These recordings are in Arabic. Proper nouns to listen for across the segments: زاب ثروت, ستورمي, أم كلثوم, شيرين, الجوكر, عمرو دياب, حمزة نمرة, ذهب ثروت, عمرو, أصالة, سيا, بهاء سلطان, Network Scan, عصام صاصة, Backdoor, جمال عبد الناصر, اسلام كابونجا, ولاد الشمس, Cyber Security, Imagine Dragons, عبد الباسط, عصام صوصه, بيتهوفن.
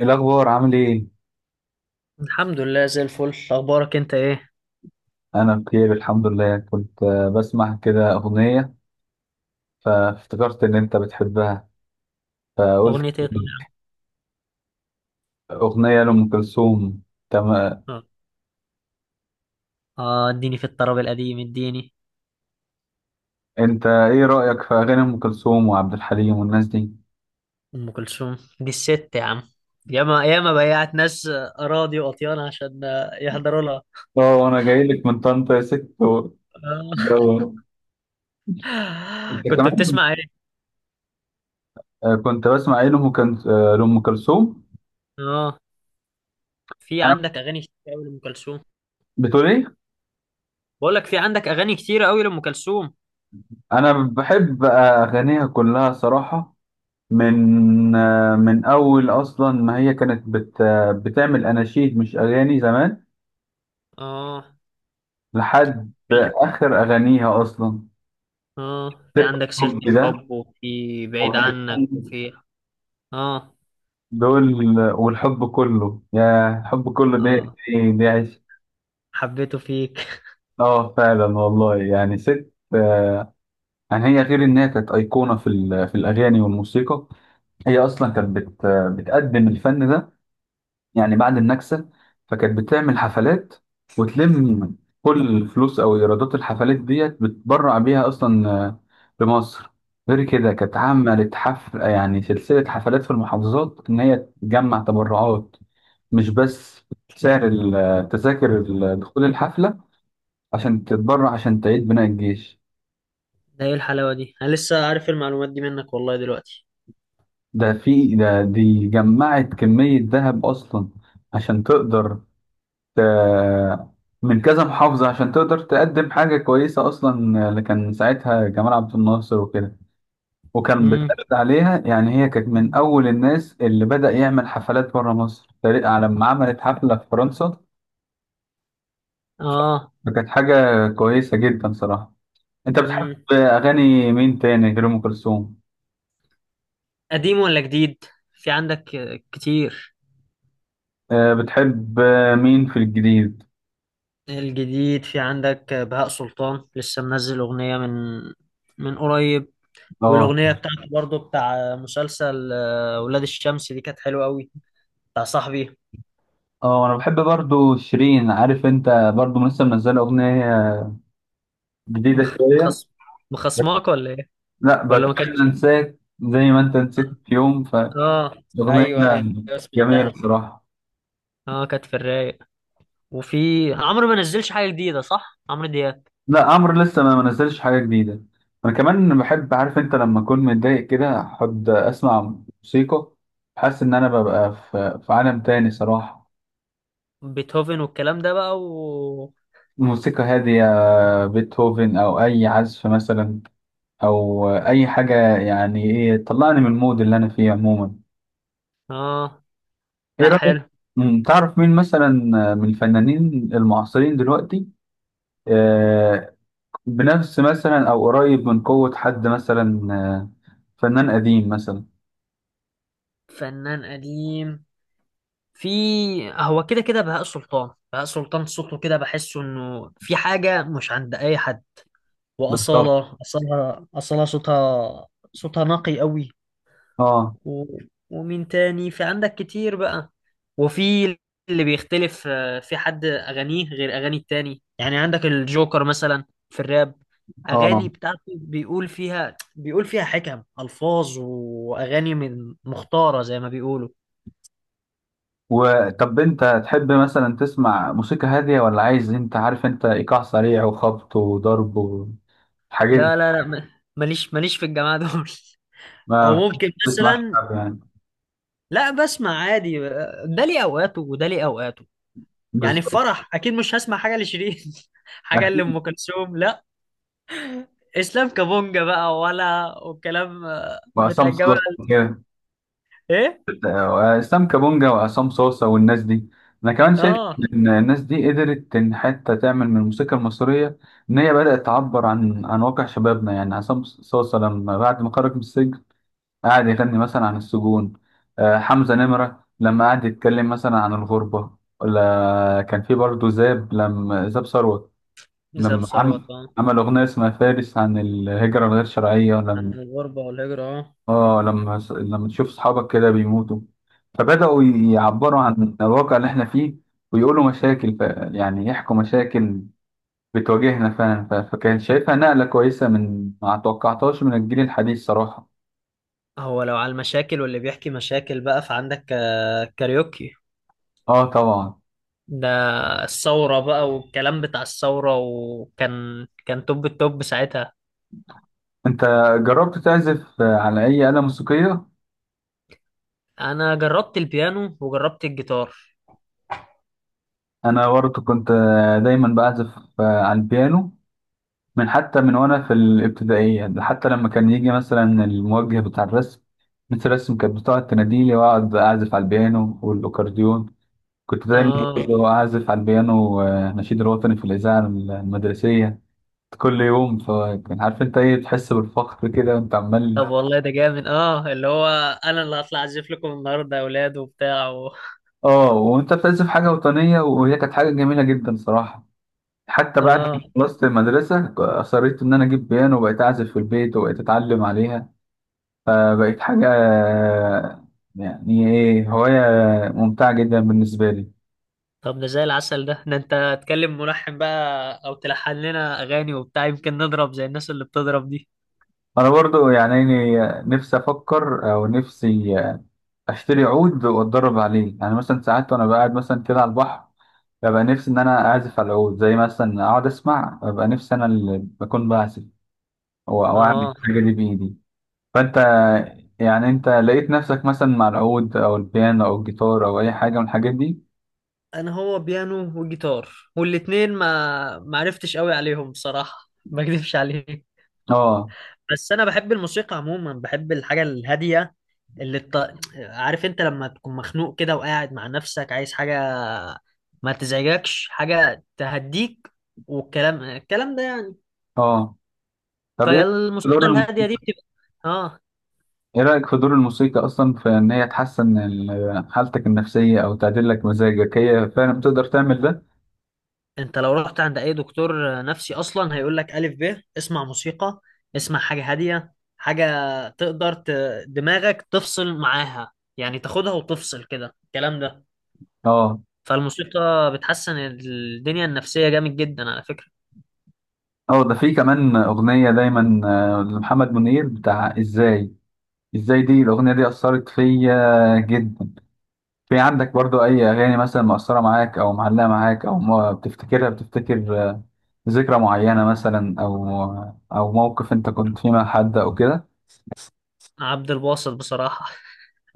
إيه الأخبار عامل إيه؟ الحمد لله، زي الفل. اخبارك انت ايه؟ أنا بخير الحمد لله، كنت بسمع كده أغنية فافتكرت إن أنت بتحبها، فقلت اغنيتي ايه طالعه؟ أغنية لأم كلثوم. تمام. اه. اديني في الطرب القديم اديني. أنت إيه رأيك في أغاني أم كلثوم وعبد الحليم والناس دي؟ ام كلثوم دي الست يا عم. ياما ياما بيعت ناس اراضي واطيان عشان يحضروا لها. أه، أنا جاي لك من طنطا يا ست جو. آه. أنت كنت كمان بتسمع ايه؟ كنت بسمع إيه لأم كل- آه، لأم كلثوم؟ اه. في أنا عندك اغاني كتير قوي لام كلثوم. بتقول إيه؟ بقول لك في عندك اغاني كتير قوي لام كلثوم. أنا بحب أغانيها كلها صراحة. من من اول اصلا، ما هي كانت بت آه، بتعمل اناشيد مش اغاني زمان اه، لحد اخر اغانيها اصلا. اه، في سيرة عندك سيرة الحب ده، الحب وفي بعيد عنك وفي... اه، دول والحب كله، يا الحب كله ده اه، ايه، ده عشق. حبيته فيك. اه فعلا والله، يعني ست يعني هي غير انها كانت ايقونه في الاغاني والموسيقى، هي اصلا كانت بت آه، بتقدم الفن ده يعني بعد النكسة. فكانت بتعمل حفلات وتلم كل الفلوس أو إيرادات الحفلات ديت بتبرع بيها أصلا، لمصر. غير كده كانت عملت حفل، يعني سلسلة حفلات في المحافظات إن هي تجمع تبرعات، مش بس سعر التذاكر دخول الحفلة، عشان تتبرع عشان تعيد بناء الجيش. ده ايه الحلاوة دي! انا لسه عارف المعلومات دي منك والله دلوقتي. ده في ده، دي جمعت كمية ذهب أصلا عشان تقدر، آه، من كذا محافظة، عشان تقدر تقدم حاجة كويسة أصلا، اللي كان ساعتها جمال عبد الناصر وكده. وكان امم بيتعرض عليها، يعني هي كانت من أول الناس اللي بدأ يعمل حفلات بره مصر تقريبا، على لما عملت حفلة في فرنسا. اه. فكانت حاجة كويسة جدا صراحة. أنت بتحب مم. أغاني مين تاني غير أم كلثوم؟ قديم ولا جديد؟ في عندك كتير. بتحب مين في الجديد؟ الجديد، في عندك بهاء سلطان لسه منزل أغنية من قريب. اه. والأغنية بتاعته برضو بتاع مسلسل ولاد الشمس دي كانت حلوة قوي. بتاع صاحبي. اه انا بحب برضو شيرين، عارف انت برضو لسه منزله اغنيه جديده مخ... شويه. مخص... مخصماك ولا ايه؟ لا، ولا ما بتخيل كان. انساك زي ما انت نسيت في يوم. اه، فاغنيه ايوه، ايوه. جميله سمعتها. الصراحه. اه، كانت في الرايق. وفي عمرو ما نزلش حاجة جديدة صح؟ عمرو دياب. لا عمرو لسه ما نزلش حاجه جديده. انا كمان بحب، عارف انت، لما اكون متضايق كده احب اسمع موسيقى، حاسس ان انا ببقى في عالم تاني صراحه. بيتهوفن والكلام ده بقى و... موسيقى هاديه، بيتهوفن او اي عزف مثلا، او اي حاجه يعني ايه تطلعني من المود اللي انا فيه عموما. اه. ايه لا، رايك؟ حلو. تعرف مين مثلا من الفنانين المعاصرين دلوقتي، آه، بنفس مثلا او قريب من قوة حد مثلا، فنان قديم مثلا؟ فنان قديم. في هو كده كده بهاء سلطان، بهاء سلطان صوته كده بحسه انه في حاجة مش عند اي حد. بالظبط. وأصالة، أصالة، أصالة صوتها. صوتها نقي قوي. اه. و... ومين تاني؟ في عندك كتير بقى. وفي... اللي بيختلف في حد أغانيه غير أغاني التاني، يعني عندك الجوكر مثلا في الراب. أغاني اه، بتاعته بيقول فيها حكم، ألفاظ وأغاني من مختارة زي ما بيقولوا. وطب انت تحب مثلا تسمع موسيقى هادية، ولا عايز، انت عارف انت، ايقاع سريع وخبط وضرب والحاجات لا، دي؟ لا، لا، ماليش في الجماعة دول. أو ما ممكن بتسمعش مثلا... شعب يعني؟ لا، بسمع عادي. ده ليه أوقاته وده ليه أوقاته. يعني في بالظبط. فرح أكيد مش هسمع حاجة لشيرين. حاجة اكيد. لأم كلثوم، لا. اسلام كابونجا بقى والكلام بتاع وعصام الجماعه. صوت كده. ايه؟ واسلام كابونجا وعصام صوصه والناس دي، انا كمان شايف اه. ان الناس دي قدرت ان حتى تعمل من الموسيقى المصريه، ان هي بدات تعبر عن واقع شبابنا. يعني عصام صوصه لما بعد ما خرج من السجن قعد يغني مثلا عن السجون، حمزه نمره لما قعد يتكلم مثلا عن الغربه، ولا كان في برضه زاب، لما زاب ثروت ذهب لما عمل ثروت. اه. عمل اغنيه اسمها فارس عن الهجره الغير شرعيه. عن لما الغربه والهجره. اه. اه لما لما تشوف اصحابك كده بيموتوا فبدأوا يعبروا عن الواقع اللي احنا فيه ويقولوا مشاكل، يعني يحكوا مشاكل بتواجهنا فعلا، فكان شايفها نقلة كويسة من ما توقعتهاش من الجيل الحديث صراحة. هو لو على المشاكل واللي بيحكي مشاكل بقى، فعندك كاريوكي. اه طبعا. ده. الثوره بقى والكلام بتاع الثوره، وكان توب التوب ساعتها. انت جربت تعزف على اي آلة موسيقية؟ انا جربت البيانو وجربت الجيتار. انا برضه كنت دايما بعزف على البيانو، من حتى من وانا في الابتدائية، ده حتى لما كان يجي مثلا الموجه بتاع الرسم، مثل الرسم كانت بتقعد تناديلي واقعد اعزف على البيانو والاكورديون. كنت دايما اه. برضه اعزف على البيانو نشيد الوطني في الاذاعة المدرسية كل يوم. فكان، عارف انت ايه، تحس بالفخر كده وانت عمال. طب والله ده جامد. اه، اللي هو... انا اللي هطلع اعزف لكم النهارده يا اولاد وبتاع و... اه وانت بتعزف حاجة وطنية، وهي كانت حاجة جميلة جدا صراحة. حتى بعد اه. ما خلصت المدرصة أصريت إن أنا أجيب بيانو وبقيت أعزف في البيت وبقيت أتعلم عليها. فبقت حاجة يعني إيه، هواية ممتعة جدا بالنسبة لي. طب ده زي العسل. ده انت تكلم ملحن بقى او تلحن لنا اغاني وبتاع، يمكن نضرب زي الناس اللي بتضرب دي. أنا برضو يعني إيه، نفسي أفكر أو نفسي أشتري عود وأتدرب عليه. يعني مثلا ساعات وأنا قاعد مثلا كده على البحر ببقى نفسي إن أنا أعزف على العود، زي مثلا أقعد أسمع ببقى نفسي أنا اللي بكون بعزف، أو أعمل اه، الحاجة دي بإيدي. فأنت يعني، أنت لقيت نفسك مثلا مع العود أو البيانو أو الجيتار أو أي حاجة من الحاجات دي؟ انا هو بيانو وجيتار. والاتنين ما عرفتش قوي عليهم، بصراحة ما اكذبش عليك. آه. بس انا بحب الموسيقى عموما، بحب الحاجة الهادية. اللي الط... عارف انت لما تكون مخنوق كده وقاعد مع نفسك عايز حاجة ما تزعجكش، حاجة تهديك. والكلام ده يعني. آه، طب إيه؟ فالموسيقى دور. الهادية دي بتبقى... اه. ايه رأيك في دور الموسيقى اصلا في ان هي تحسن حالتك النفسية او تعدل لك مزاجك، هي فعلا بتقدر تعمل ده؟ انت لو رحت عند اي دكتور نفسي اصلا هيقول لك الف ب اسمع موسيقى. اسمع حاجه هاديه، حاجه... تقدر ت... دماغك تفصل معاها، يعني تاخدها وتفصل كده. الكلام ده... اه. فالموسيقى بتحسن الدنيا النفسيه جامد جدا على فكره. اه ده في كمان اغنية دايما لمحمد منير بتاع ازاي. ازاي دي، الاغنية دي اثرت فيا جدا. في عندك برضو اي اغاني مثلا مؤثرة معاك او معلقة معاك، او ما بتفتكرها بتفتكر ذكرى معينة مثلا، او او موقف انت كنت فيه مع حد او كده؟ عبد الباسط بصراحه.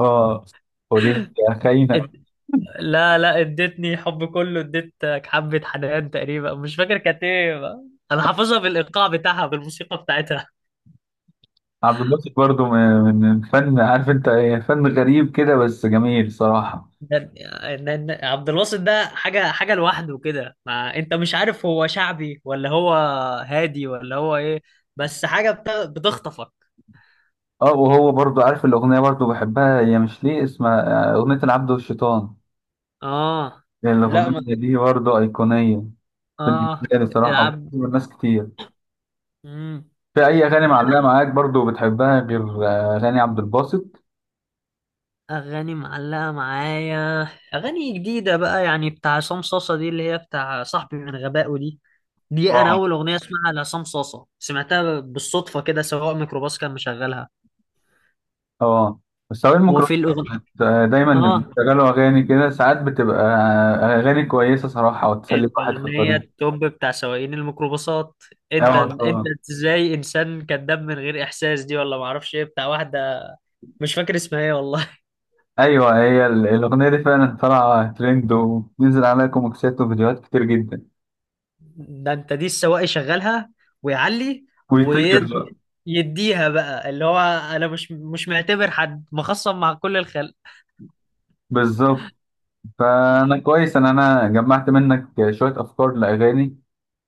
اه. قولي لي يا خاينة. اد... لا، لا، اديتني حب كله اديتك حبه حنان، تقريبا مش فاكر كانت ايه بقى. انا حافظها بالايقاع بتاعها بالموسيقى بتاعتها. عبد الباسط برضه من من فن، عارف انت ايه، فن غريب كده بس جميل صراحة. ده- عبد الباسط ده حاجة حاجة لوحده كده. ما انت مش عارف هو شعبي ولا هو هادي ولا هو ايه؟ بس حاجة بتخطفك. اه، وهو برضه عارف الأغنية برضه بحبها، هي مش ليه اسمها أغنية العبد والشيطان، اه. يعني لا، ما... الأغنية دي برضه أيقونية بالنسبة اه. لي صراحة. العب. ناس كتير. مم. في أي أغاني لا. معلقة معاك برضه بتحبها غير أغاني عبد الباسط؟ اغاني معلقة معايا. اغاني جديدة بقى، يعني بتاع عصام صاصة دي اللي هي بتاع صاحبي من غبائه دي. دي انا اه. اول اغنية اسمعها لعصام صاصة، سمعتها بالصدفة كده. سواق ميكروباص كان مشغلها. اه بس هو وفي الميكروفون الاغنية... دايما اه. بيشغلوا أغاني كده، ساعات بتبقى أغاني كويسة صراحة وتسلي واحد في الأغنية الطريق. التوب بتاع سواقين الميكروباصات. أنت اه أنت طبعا. إزاي إنسان كذاب من غير إحساس، دي ولا معرفش إيه بتاع واحدة. مش فاكر اسمها إيه والله. ايوه هي الاغنيه دي فعلا طالعه ترند وبينزل عليها كوميكسات وفيديوهات كتير جدا. ده أنت، دي السواق يشغلها ويعلي ويطير بقى. ويديها بقى اللي هو... أنا مش معتبر حد مخصم مع كل الخلق. بالظبط. فانا كويس ان انا جمعت منك شويه افكار لاغاني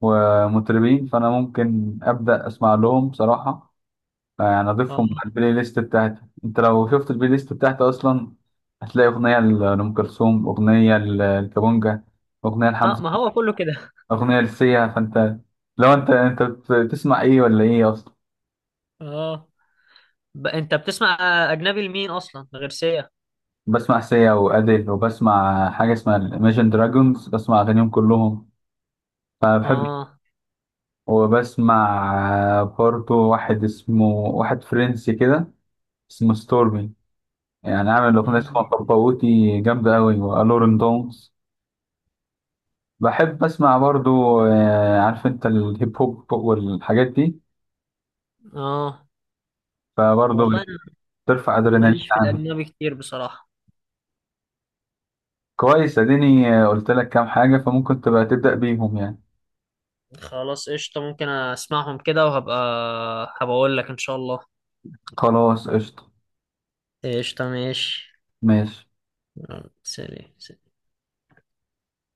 ومطربين، فانا ممكن ابدا اسمع لهم بصراحه، يعني آه. اضيفهم على البلاي ليست بتاعتي. انت لو شفت البلاي ليست بتاعتي اصلا هتلاقي اغنيه لام كلثوم، اغنيه للكابونجا، اغنيه لحمزه، ما هو كله كده. اغنيه لسيا. فانت، لو انت بتسمع ايه ولا ايه اصلا؟ آه. أنت بتسمع أجنبي لمين أصلا غير سيا؟ بسمع سيا وأديل، وبسمع حاجة اسمها Imagine دراجونز، بسمع أغانيهم كلهم فبحب. آه. وبسمع برضه واحد اسمه، واحد فرنسي كده اسمه ستورمي، يعني عامل أغنية اسمها مم. باباوتي جامدة أوي وألورن دونز. بحب أسمع برضه عارف أنت الهيب هوب والحاجات دي، آه، والله فبرضه أنا بترفع أدرينالين ماليش في عندي. الأجنبي كتير بصراحة. كويس، أديني قلت لك كام حاجة فممكن تبقى تبدأ بيهم يعني. خلاص، قشطة. ممكن اسمعهم كده وهبقى هبقول لك ان شاء الله. خلاص قشطة قشطة. ماشي. ماشي. يلا، سلام سلام.